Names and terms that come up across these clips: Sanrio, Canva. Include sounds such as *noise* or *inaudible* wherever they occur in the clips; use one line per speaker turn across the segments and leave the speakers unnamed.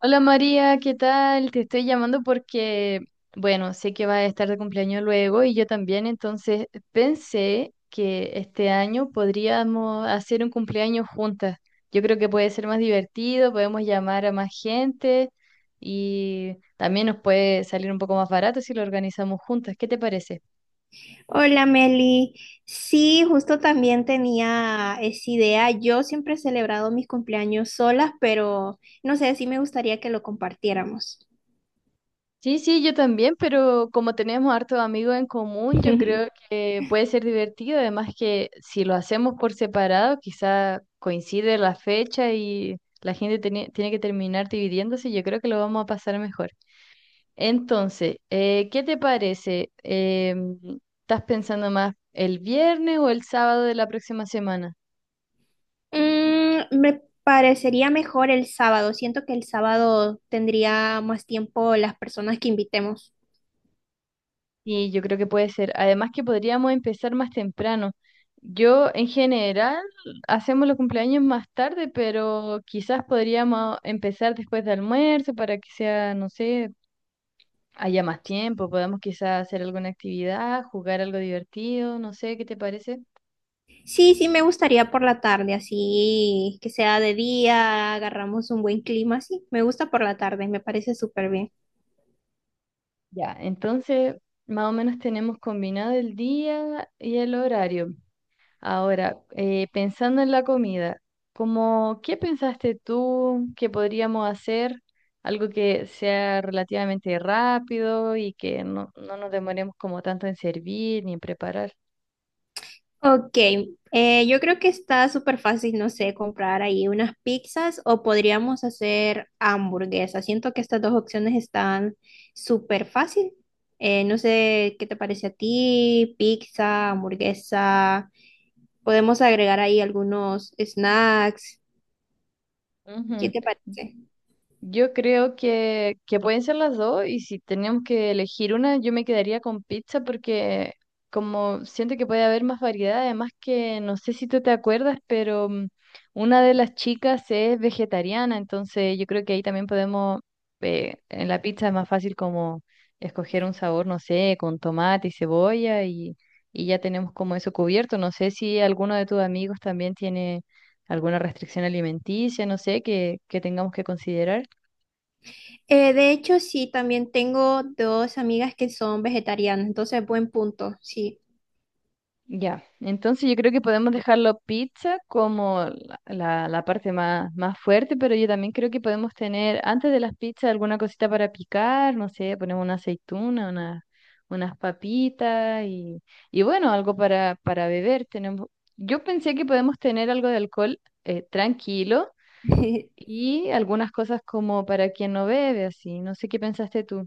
Hola María, ¿qué tal? Te estoy llamando porque, bueno, sé que vas a estar de cumpleaños luego y yo también, entonces pensé que este año podríamos hacer un cumpleaños juntas. Yo creo que puede ser más divertido, podemos llamar a más gente y también nos puede salir un poco más barato si lo organizamos juntas. ¿Qué te parece?
Hola Meli, sí, justo también tenía esa idea. Yo siempre he celebrado mis cumpleaños solas, pero no sé, sí me gustaría que lo compartiéramos.
Sí, sí, yo también, pero como tenemos hartos amigos en común, yo creo
*laughs*
que puede ser divertido. Además que si lo hacemos por separado, quizá coincide la fecha y la gente tiene que terminar dividiéndose. Yo creo que lo vamos a pasar mejor. Entonces, ¿qué te parece? ¿Estás pensando más el viernes o el sábado de la próxima semana?
Me parecería mejor el sábado. Siento que el sábado tendría más tiempo las personas que invitemos.
Sí, yo creo que puede ser. Además que podríamos empezar más temprano. Yo en general hacemos los cumpleaños más tarde, pero quizás podríamos empezar después de almuerzo para que sea, no sé, haya más tiempo. Podamos quizás hacer alguna actividad, jugar algo divertido, no sé, ¿qué te parece?
Sí, sí, me gustaría por la tarde, así que sea de día, agarramos un buen clima, sí, me gusta por la tarde, me parece súper bien.
Ya, entonces más o menos tenemos combinado el día y el horario. Ahora, pensando en la comida, como, ¿qué pensaste tú que podríamos hacer? Algo que sea relativamente rápido y que no nos demoremos como tanto en servir ni en preparar.
Ok, yo creo que está súper fácil, no sé, comprar ahí unas pizzas o podríamos hacer hamburguesas. Siento que estas dos opciones están súper fácil. No sé qué te parece a ti, pizza, hamburguesa. Podemos agregar ahí algunos snacks. ¿Qué
Ujú.
te parece?
Yo creo que pueden ser las dos y si tenemos que elegir una, yo me quedaría con pizza porque como siento que puede haber más variedad, además que no sé si tú te acuerdas, pero una de las chicas es vegetariana, entonces yo creo que ahí también podemos, en la pizza es más fácil como escoger un sabor, no sé, con tomate y cebolla y ya tenemos como eso cubierto. No sé si alguno de tus amigos también tiene alguna restricción alimenticia, no sé, que tengamos que considerar.
De hecho, sí, también tengo dos amigas que son vegetarianas, entonces buen punto, sí.
Ya, entonces yo creo que podemos dejarlo pizza como la parte más, más fuerte, pero yo también creo que podemos tener antes de las pizzas alguna cosita para picar, no sé, ponemos una aceituna, unas papitas y bueno, algo para beber. Tenemos, yo pensé que podemos tener algo de alcohol tranquilo
*laughs*
y algunas cosas como para quien no bebe, así, no sé qué pensaste tú.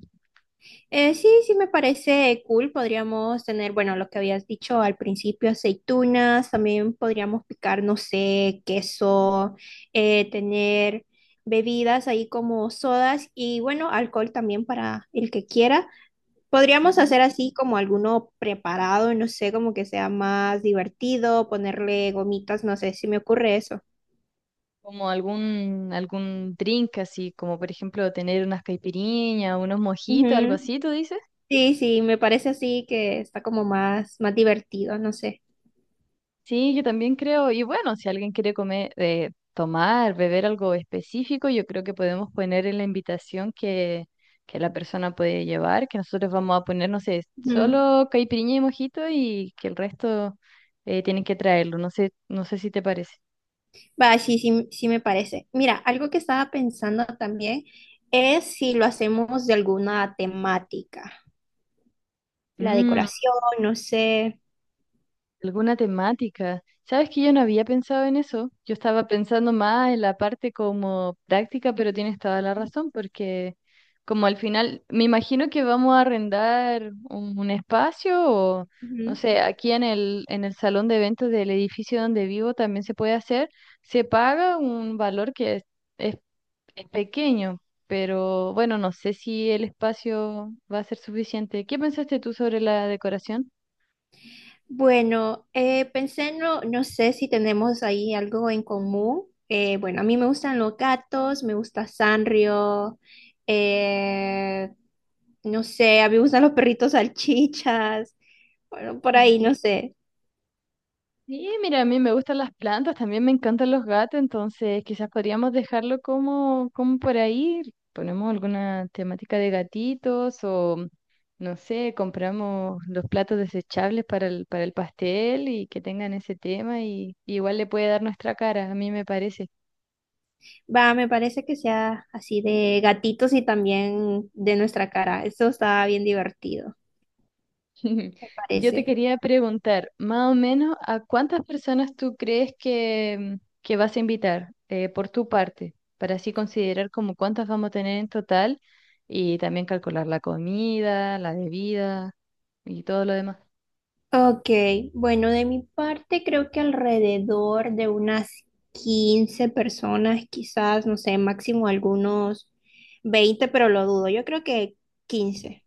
Sí, sí me parece cool. Podríamos tener, bueno, lo que habías dicho al principio, aceitunas, también podríamos picar, no sé, queso, tener bebidas ahí como sodas y bueno, alcohol también para el que quiera. Podríamos
Ujú.
hacer así como alguno preparado, no sé, como que sea más divertido, ponerle gomitas, no sé si me ocurre eso.
Como algún drink así, como por ejemplo tener unas caipirinhas, unos mojitos, algo
Ujú.
así, ¿tú dices?
Sí, sí, me parece así que está como más divertido, no sé.
Sí, yo también creo, y bueno, si alguien quiere comer, tomar, beber algo específico, yo creo que podemos poner en la invitación que la persona puede llevar, que nosotros vamos a poner, no sé,
Ujú.
solo caipirinha y mojito y que el resto tienen que traerlo, no sé, no sé si te parece.
Va, sí, sí, sí me parece. Mira, algo que estaba pensando también es si lo hacemos de alguna temática, la
Mm.
decoración, no sé.
Alguna temática. Sabes que yo no había pensado en eso. Yo estaba pensando más en la parte como práctica, pero tienes toda la razón, porque como al final, me imagino que vamos a arrendar un espacio o, no
Ujú.
sé, aquí en en el salón de eventos del edificio donde vivo también se puede hacer. Se paga un valor que es, es es pequeño, pero bueno, no sé si el espacio va a ser suficiente. ¿Qué pensaste tú sobre la decoración?
Bueno, pensé, no, no sé si tenemos ahí algo en común. Bueno, a mí me gustan los gatos, me gusta Sanrio, eh, no sé, a mí me gustan los perritos salchichas, bueno, por
Ujú.
ahí, no sé.
Sí, mira, a mí me gustan las plantas, también me encantan los gatos, entonces quizás podríamos dejarlo como, como por ahí. Ponemos alguna temática de gatitos o, no sé, compramos los platos desechables para para el pastel y que tengan ese tema y igual le puede dar nuestra cara, a mí me parece.
Va, me parece que sea así de gatitos y también de nuestra cara. Eso está bien divertido,
*laughs*
me
Yo te
parece.
quería preguntar, más o menos, ¿a cuántas personas tú crees que, que vas a invitar por tu parte? Para así considerar como cuántas vamos a tener en total y también calcular la comida, la bebida y todo lo demás.
Ok, bueno, de mi parte creo que alrededor de unas 15 personas, quizás, no sé, máximo algunos 20 pero lo dudo. Yo creo que 15.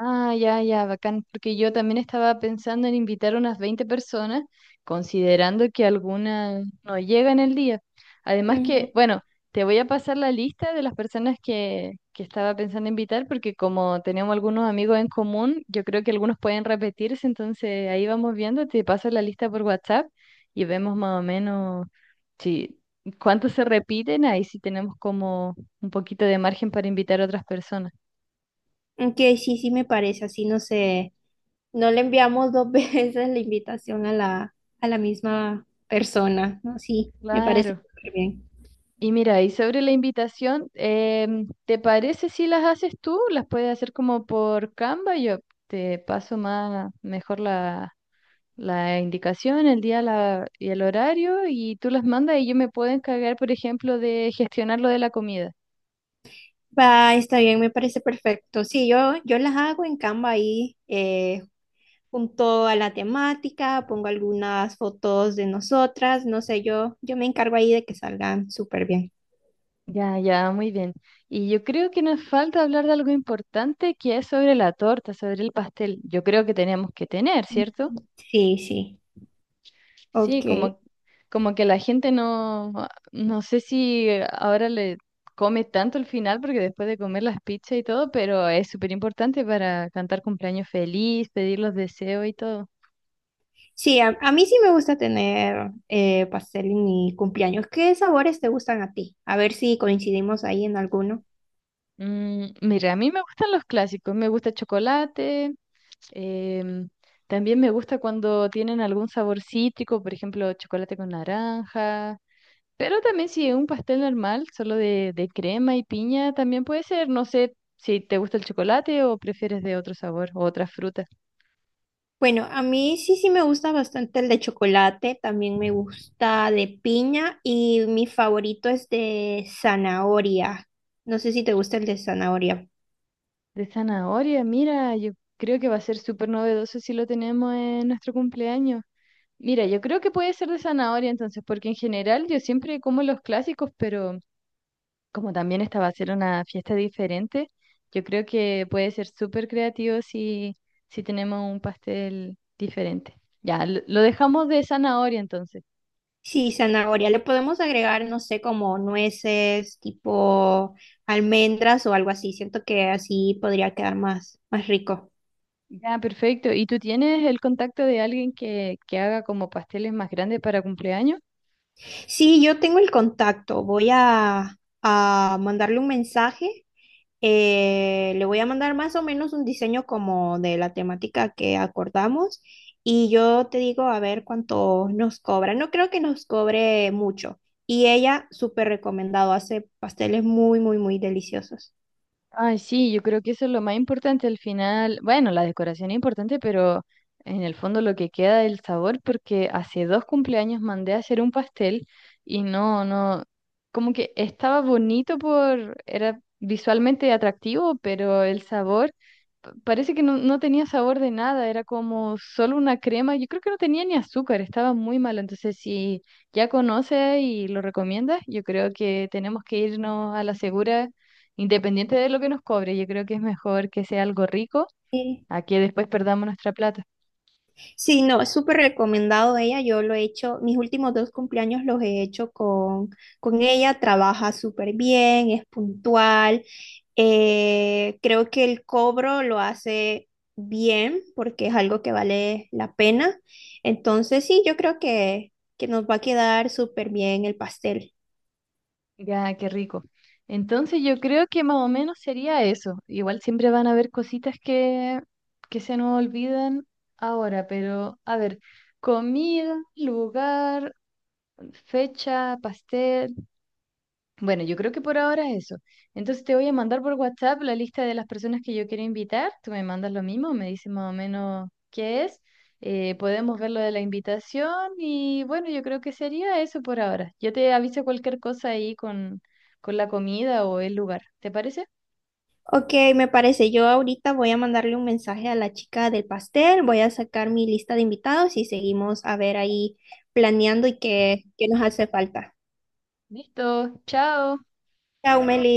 Ah, ya, ya, bacán, porque yo también estaba pensando en invitar unas 20 personas, considerando que algunas no llegan el día. Además
Ujú.
que, bueno, te voy a pasar la lista de las personas que estaba pensando invitar, porque como tenemos algunos amigos en común, yo creo que algunos pueden repetirse, entonces ahí vamos viendo, te paso la lista por WhatsApp y vemos más o menos si cuántos se repiten, ahí sí tenemos como un poquito de margen para invitar a otras personas.
Ok, sí, sí me parece, así no sé. No le enviamos dos *laughs* veces la invitación a a la misma persona, ¿no? Sí, me parece
Claro.
súper bien.
Y mira, y sobre la invitación, ¿te parece si las haces tú? ¿Las puedes hacer como por Canva? Yo te paso más, mejor la indicación, el día y el horario, y tú las mandas y yo me puedo encargar, por ejemplo, de gestionar lo de la comida.
Va, está bien, me parece perfecto. Sí, yo las hago en Canva ahí, junto a la temática, pongo algunas fotos de nosotras, no sé, yo me encargo ahí de que salgan súper bien.
Ya, ya, muy bien. Y yo creo que nos falta hablar de algo importante que es sobre la torta, sobre el pastel. Yo creo que tenemos que tener, ¿cierto?
Sí, sí,
Sí,
ok.
como, como que la gente no, no sé si ahora le come tanto el final, porque después de comer las pizzas y todo, pero es súper importante para cantar cumpleaños feliz, pedir los deseos y todo.
Sí, a mí sí me gusta tener pastel en mi cumpleaños. ¿Qué sabores te gustan a ti? A ver si coincidimos ahí en alguno.
Mm, mira, a mí me gustan los clásicos, me gusta chocolate, em, también me gusta cuando tienen algún sabor cítrico, por ejemplo, chocolate con naranja, pero también si es un pastel normal, solo de crema y piña, también puede ser. No sé si te gusta el chocolate o prefieres de otro sabor o otras frutas.
Bueno, a mí sí, sí me gusta bastante el de chocolate, también me gusta de piña y mi favorito es de zanahoria. No sé si te gusta el de zanahoria.
De zanahoria, mira, yo creo que va a ser súper novedoso si lo tenemos en nuestro cumpleaños. Mira, yo creo que puede ser de zanahoria entonces, porque en general yo siempre como los clásicos, pero como también esta va a ser una fiesta diferente, yo creo que puede ser súper creativo si tenemos un pastel diferente. Ya, lo dejamos de zanahoria entonces.
Sí, zanahoria. Le podemos agregar, no sé, como nueces, tipo almendras o algo así. Siento que así podría quedar más rico.
Ya, perfecto. ¿Y tú tienes el contacto de alguien que haga como pasteles más grandes para cumpleaños?
Sí, yo tengo el contacto. A mandarle un mensaje. Le voy a mandar más o menos un diseño como de la temática que acordamos y yo te digo a ver cuánto nos cobra. No creo que nos cobre mucho. Y ella, súper recomendado, hace pasteles muy deliciosos.
Ay, sí, yo creo que eso es lo más importante al final. Bueno, la decoración es importante, pero en el fondo lo que queda es el sabor, porque hace dos cumpleaños mandé a hacer un pastel y no, no, como que estaba bonito por, era visualmente atractivo, pero el sabor parece que no tenía sabor de nada, era como solo una crema. Yo creo que no tenía ni azúcar, estaba muy malo. Entonces, si ya conoces y lo recomiendas, yo creo que tenemos que irnos a la segura. Independiente de lo que nos cobre, yo creo que es mejor que sea algo rico
Sí.
a que después perdamos nuestra plata.
Sí, no, es súper recomendado ella. Yo lo he hecho, mis últimos dos cumpleaños los he hecho con ella. Trabaja súper bien, es puntual. Creo que el cobro lo hace bien porque es algo que vale la pena. Entonces, sí, yo creo que nos va a quedar súper bien el pastel.
Ya, qué rico. Entonces yo creo que más o menos sería eso. Igual siempre van a haber cositas que se nos olvidan ahora, pero a ver, comida, lugar, fecha, pastel. Bueno, yo creo que por ahora eso. Entonces te voy a mandar por WhatsApp la lista de las personas que yo quiero invitar. Tú me mandas lo mismo, me dices más o menos qué es. Podemos ver lo de la invitación y bueno, yo creo que sería eso por ahora. Yo te aviso cualquier cosa ahí con la comida o el lugar. ¿Te parece?
Ok, me parece. Yo ahorita voy a mandarle un mensaje a la chica del pastel, voy a sacar mi lista de invitados y seguimos a ver ahí planeando y qué nos hace falta.
Listo, chao.
Chao, Meli.